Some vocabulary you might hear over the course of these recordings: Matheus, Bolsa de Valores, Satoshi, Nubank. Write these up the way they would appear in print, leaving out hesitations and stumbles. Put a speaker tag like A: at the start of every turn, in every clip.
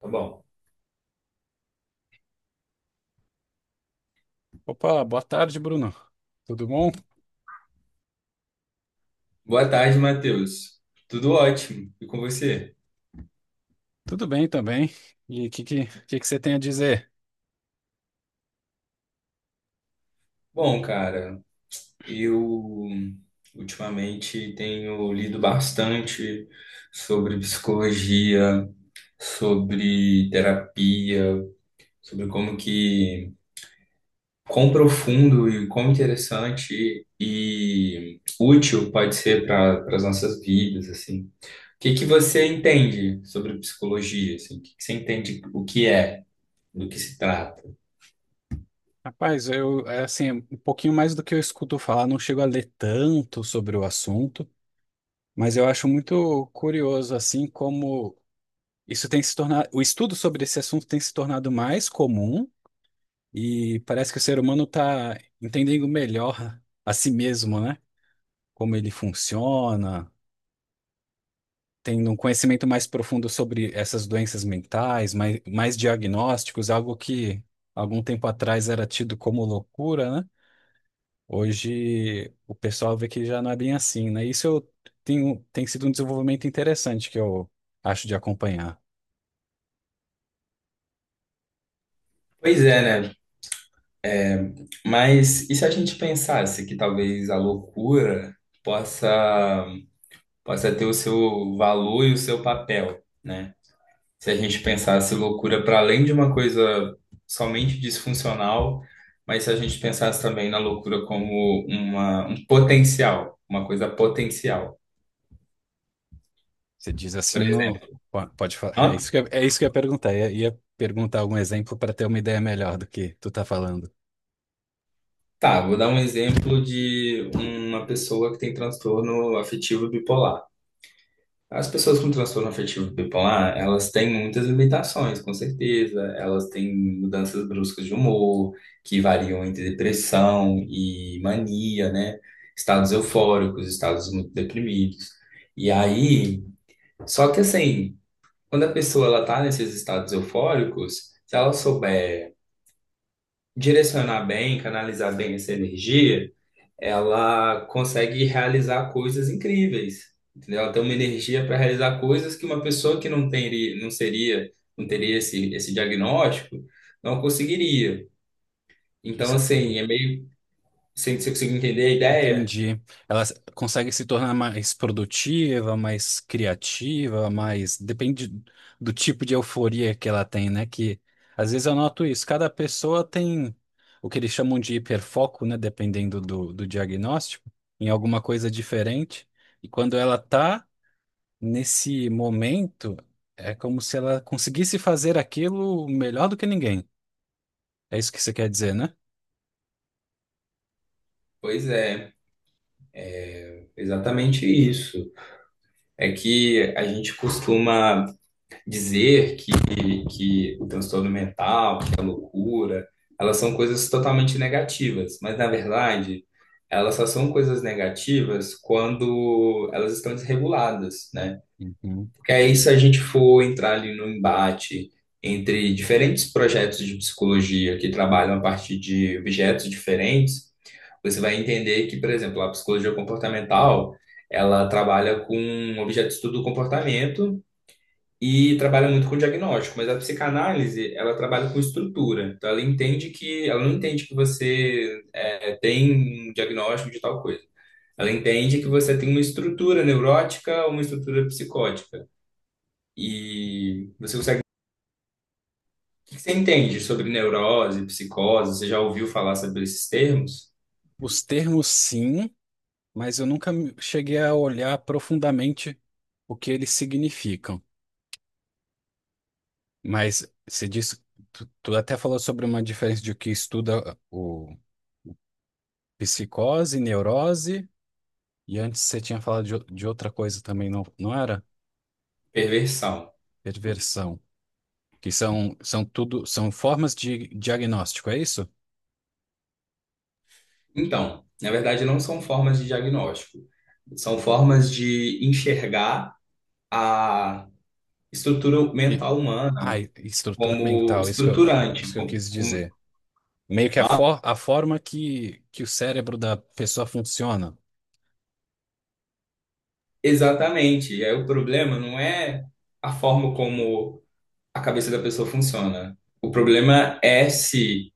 A: Tá bom.
B: Opa, boa tarde, Bruno. Tudo bom?
A: Boa tarde, Matheus. Tudo ótimo. E com você?
B: Tudo bem também. E o que você tem a dizer?
A: Bom, cara, eu ultimamente tenho lido bastante sobre psicologia, sobre terapia, sobre quão profundo e quão interessante e útil pode ser para as nossas vidas, assim. O que que você entende sobre psicologia, assim? O que que você entende o que é, do que se trata?
B: Rapaz, eu, é assim, um pouquinho mais do que eu escuto falar, não chego a ler tanto sobre o assunto, mas eu acho muito curioso, assim, como isso tem se tornado, o estudo sobre esse assunto tem se tornado mais comum e parece que o ser humano está entendendo melhor a si mesmo, né? Como ele funciona, tendo um conhecimento mais profundo sobre essas doenças mentais, mais diagnósticos, algo que algum tempo atrás era tido como loucura, né? Hoje o pessoal vê que já não é bem assim, né? Isso eu tenho, tem sido um desenvolvimento interessante que eu acho de acompanhar.
A: Pois é, né? Mas e se a gente pensasse que talvez a loucura possa, possa ter o seu valor e o seu papel, né? Se a gente pensasse loucura para além de uma coisa somente disfuncional, mas se a gente pensasse também na loucura como um potencial, uma coisa potencial.
B: Você diz assim
A: Por
B: no.
A: exemplo,
B: Pode falar.
A: Hã?
B: É isso que eu ia perguntar. Ia perguntar algum exemplo para ter uma ideia melhor do que tu tá falando.
A: Tá, vou dar um exemplo de uma pessoa que tem transtorno afetivo bipolar. As pessoas com transtorno afetivo bipolar, elas têm muitas limitações, com certeza. Elas têm mudanças bruscas de humor, que variam entre depressão e mania, né? Estados eufóricos, estados muito deprimidos. E aí, só que assim, quando a pessoa ela tá nesses estados eufóricos, se ela souber direcionar bem, canalizar bem essa energia, ela consegue realizar coisas incríveis, entendeu? Ela tem uma energia para realizar coisas que uma pessoa que não teria, não seria, não teria esse diagnóstico, não conseguiria. Então,
B: Isso,
A: assim, é meio, sem você conseguir entender a ideia?
B: entendi. Consegue se tornar mais produtiva, mais criativa, mais. Depende do tipo de euforia que ela tem, né? Que às vezes eu noto isso. Cada pessoa tem o que eles chamam de hiperfoco, né? Dependendo do diagnóstico, em alguma coisa diferente. E quando ela tá nesse momento, é como se ela conseguisse fazer aquilo melhor do que ninguém. É isso que você quer dizer, né?
A: Pois é, exatamente isso. É que a gente costuma dizer que, que o transtorno mental, que a loucura, elas são coisas totalmente negativas, mas na verdade, elas só são coisas negativas quando elas estão desreguladas, né?
B: Uhum.
A: Porque aí, se a gente for entrar ali no embate entre diferentes projetos de psicologia que trabalham a partir de objetos diferentes, você vai entender que, por exemplo, a psicologia comportamental, ela trabalha com objeto de estudo do comportamento e trabalha muito com diagnóstico, mas a psicanálise, ela trabalha com estrutura. Então, ela não entende que você é, tem um diagnóstico de tal coisa. Ela entende que você tem uma estrutura neurótica ou uma estrutura psicótica. E você consegue. O que que você entende sobre neurose, psicose? Você já ouviu falar sobre esses termos?
B: Os termos, sim, mas eu nunca me- cheguei a olhar profundamente o que eles significam. Mas você disse, tu até falou sobre uma diferença de que estuda o psicose, neurose, e antes você tinha falado de outra coisa também, não era?
A: Perversão.
B: Perversão. Que são, são tudo, são formas de diagnóstico, é isso?
A: Então, na verdade, não são formas de diagnóstico, são formas de enxergar a estrutura
B: E,
A: mental
B: ah,
A: humana
B: estrutura
A: como
B: mental,
A: estruturante.
B: isso que eu quis dizer. Meio que
A: Ah,
B: a forma que o cérebro da pessoa funciona.
A: exatamente. E aí o problema não é a forma como a cabeça da pessoa funciona. O problema é se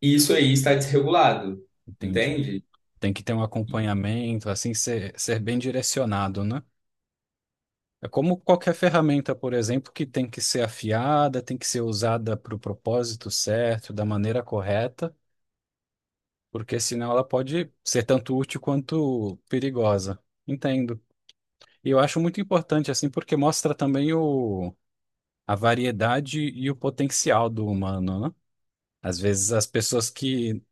A: isso aí está desregulado,
B: Entendi.
A: entende?
B: Tem que ter um acompanhamento, assim, ser bem direcionado, né? É como qualquer ferramenta, por exemplo, que tem que ser afiada, tem que ser usada para o propósito certo, da maneira correta, porque senão ela pode ser tanto útil quanto perigosa. Entendo. E eu acho muito importante, assim, porque mostra também a variedade e o potencial do humano, né? Às vezes as pessoas que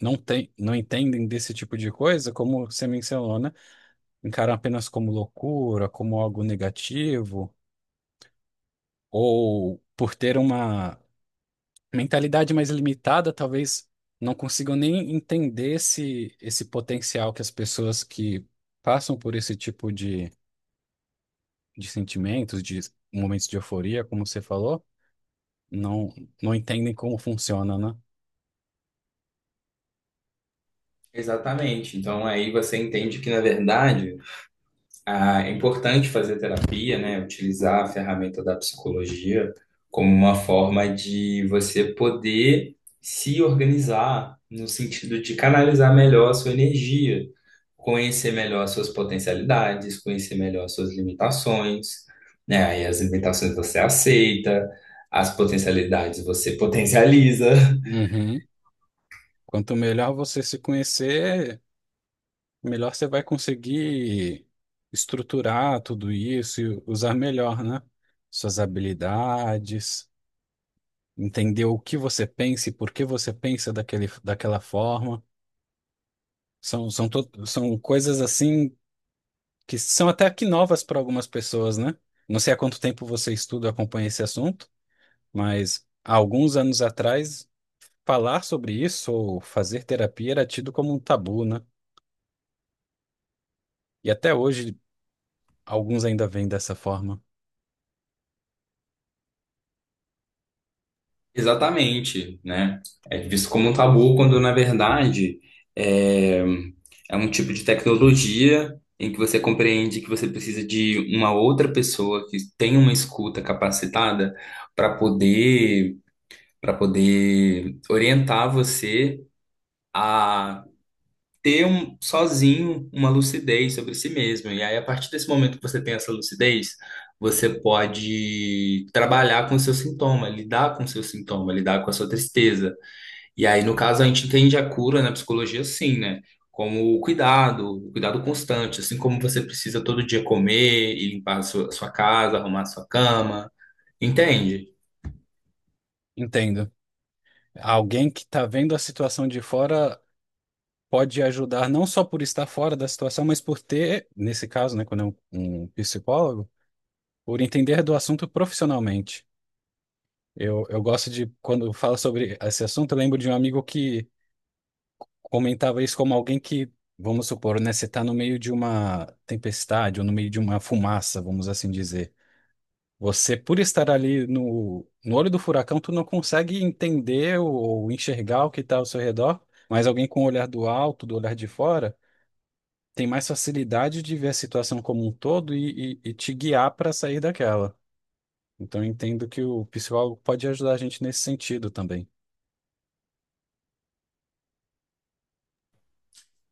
B: não têm, não entendem desse tipo de coisa, como você mencionou, né? Encaram apenas como loucura, como algo negativo, ou por ter uma mentalidade mais limitada, talvez não consigam nem entender esse potencial que as pessoas que passam por esse tipo de sentimentos, de momentos de euforia, como você falou, não, não entendem como funciona, né?
A: Exatamente. Então aí você entende que, na verdade, ah, é importante fazer terapia, né? Utilizar a ferramenta da psicologia como uma forma de você poder se organizar no sentido de canalizar melhor a sua energia, conhecer melhor as suas potencialidades, conhecer melhor as suas limitações, né? Aí as limitações você aceita, as potencialidades você potencializa.
B: Uhum. Quanto melhor você se conhecer, melhor você vai conseguir estruturar tudo isso e usar melhor, né? Suas habilidades, entender o que você pensa e por que você pensa daquela forma. São coisas assim que são até aqui novas para algumas pessoas, né? Não sei há quanto tempo você estuda, acompanha esse assunto, mas há alguns anos atrás, falar sobre isso ou fazer terapia era tido como um tabu, né? E até hoje, alguns ainda veem dessa forma.
A: Exatamente, né? É visto como um tabu quando, na verdade, é, é um tipo de tecnologia em que você compreende que você precisa de uma outra pessoa que tenha uma escuta capacitada para poder, para poder orientar você a ter um, sozinho uma lucidez sobre si mesmo. E aí, a partir desse momento que você tem essa lucidez, você pode trabalhar com o seu sintoma, lidar com o seu sintoma, lidar com a sua tristeza e aí, no caso, a gente entende a cura na psicologia assim, né? Como o cuidado constante, assim como você precisa todo dia comer e limpar a sua casa, arrumar a sua cama. Entende?
B: Entendo. Alguém que está vendo a situação de fora pode ajudar não só por estar fora da situação, mas por ter, nesse caso, né, quando é um psicólogo, por entender do assunto profissionalmente. Eu gosto de, quando fala sobre esse assunto, eu lembro de um amigo que comentava isso como alguém que, vamos supor, né, você está no meio de uma tempestade ou no meio de uma fumaça, vamos assim dizer. Você, por estar ali no olho do furacão, tu não consegue entender ou enxergar o que está ao seu redor, mas alguém com o olhar do alto, do olhar de fora, tem mais facilidade de ver a situação como um todo e te guiar para sair daquela. Então, eu entendo que o psicólogo pode ajudar a gente nesse sentido também.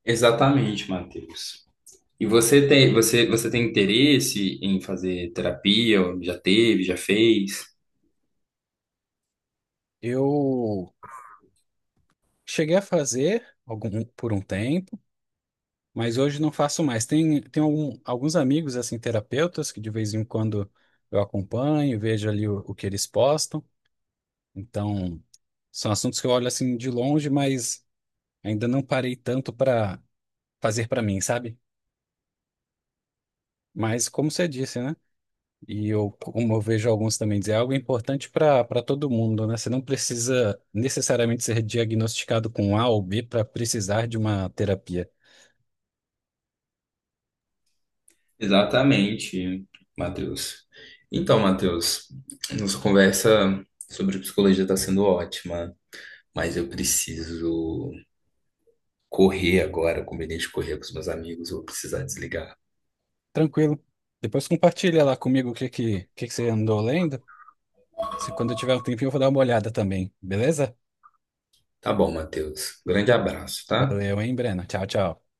A: Exatamente, Matheus. E você tem interesse em fazer terapia? Ou já teve, já fez?
B: Eu cheguei a fazer algum, por um tempo, mas hoje não faço mais. Tem alguns amigos, assim, terapeutas, que de vez em quando eu acompanho, vejo ali o que eles postam. Então, são assuntos que eu olho assim de longe, mas ainda não parei tanto para fazer para mim, sabe? Mas como você disse, né? E eu, como eu vejo alguns também dizer, é algo importante para todo mundo, né? Você não precisa necessariamente ser diagnosticado com A ou B para precisar de uma terapia.
A: Exatamente, Matheus. Então, Matheus, nossa conversa sobre psicologia está sendo ótima, mas eu preciso correr agora, eu combinei de correr com os meus amigos, vou precisar desligar.
B: Tranquilo. Depois compartilha lá comigo o o que que você andou lendo. Se quando eu tiver um tempinho, eu vou dar uma olhada também, beleza?
A: Tá bom, Matheus. Grande abraço, tá?
B: Valeu, hein, Brena? Tchau, tchau.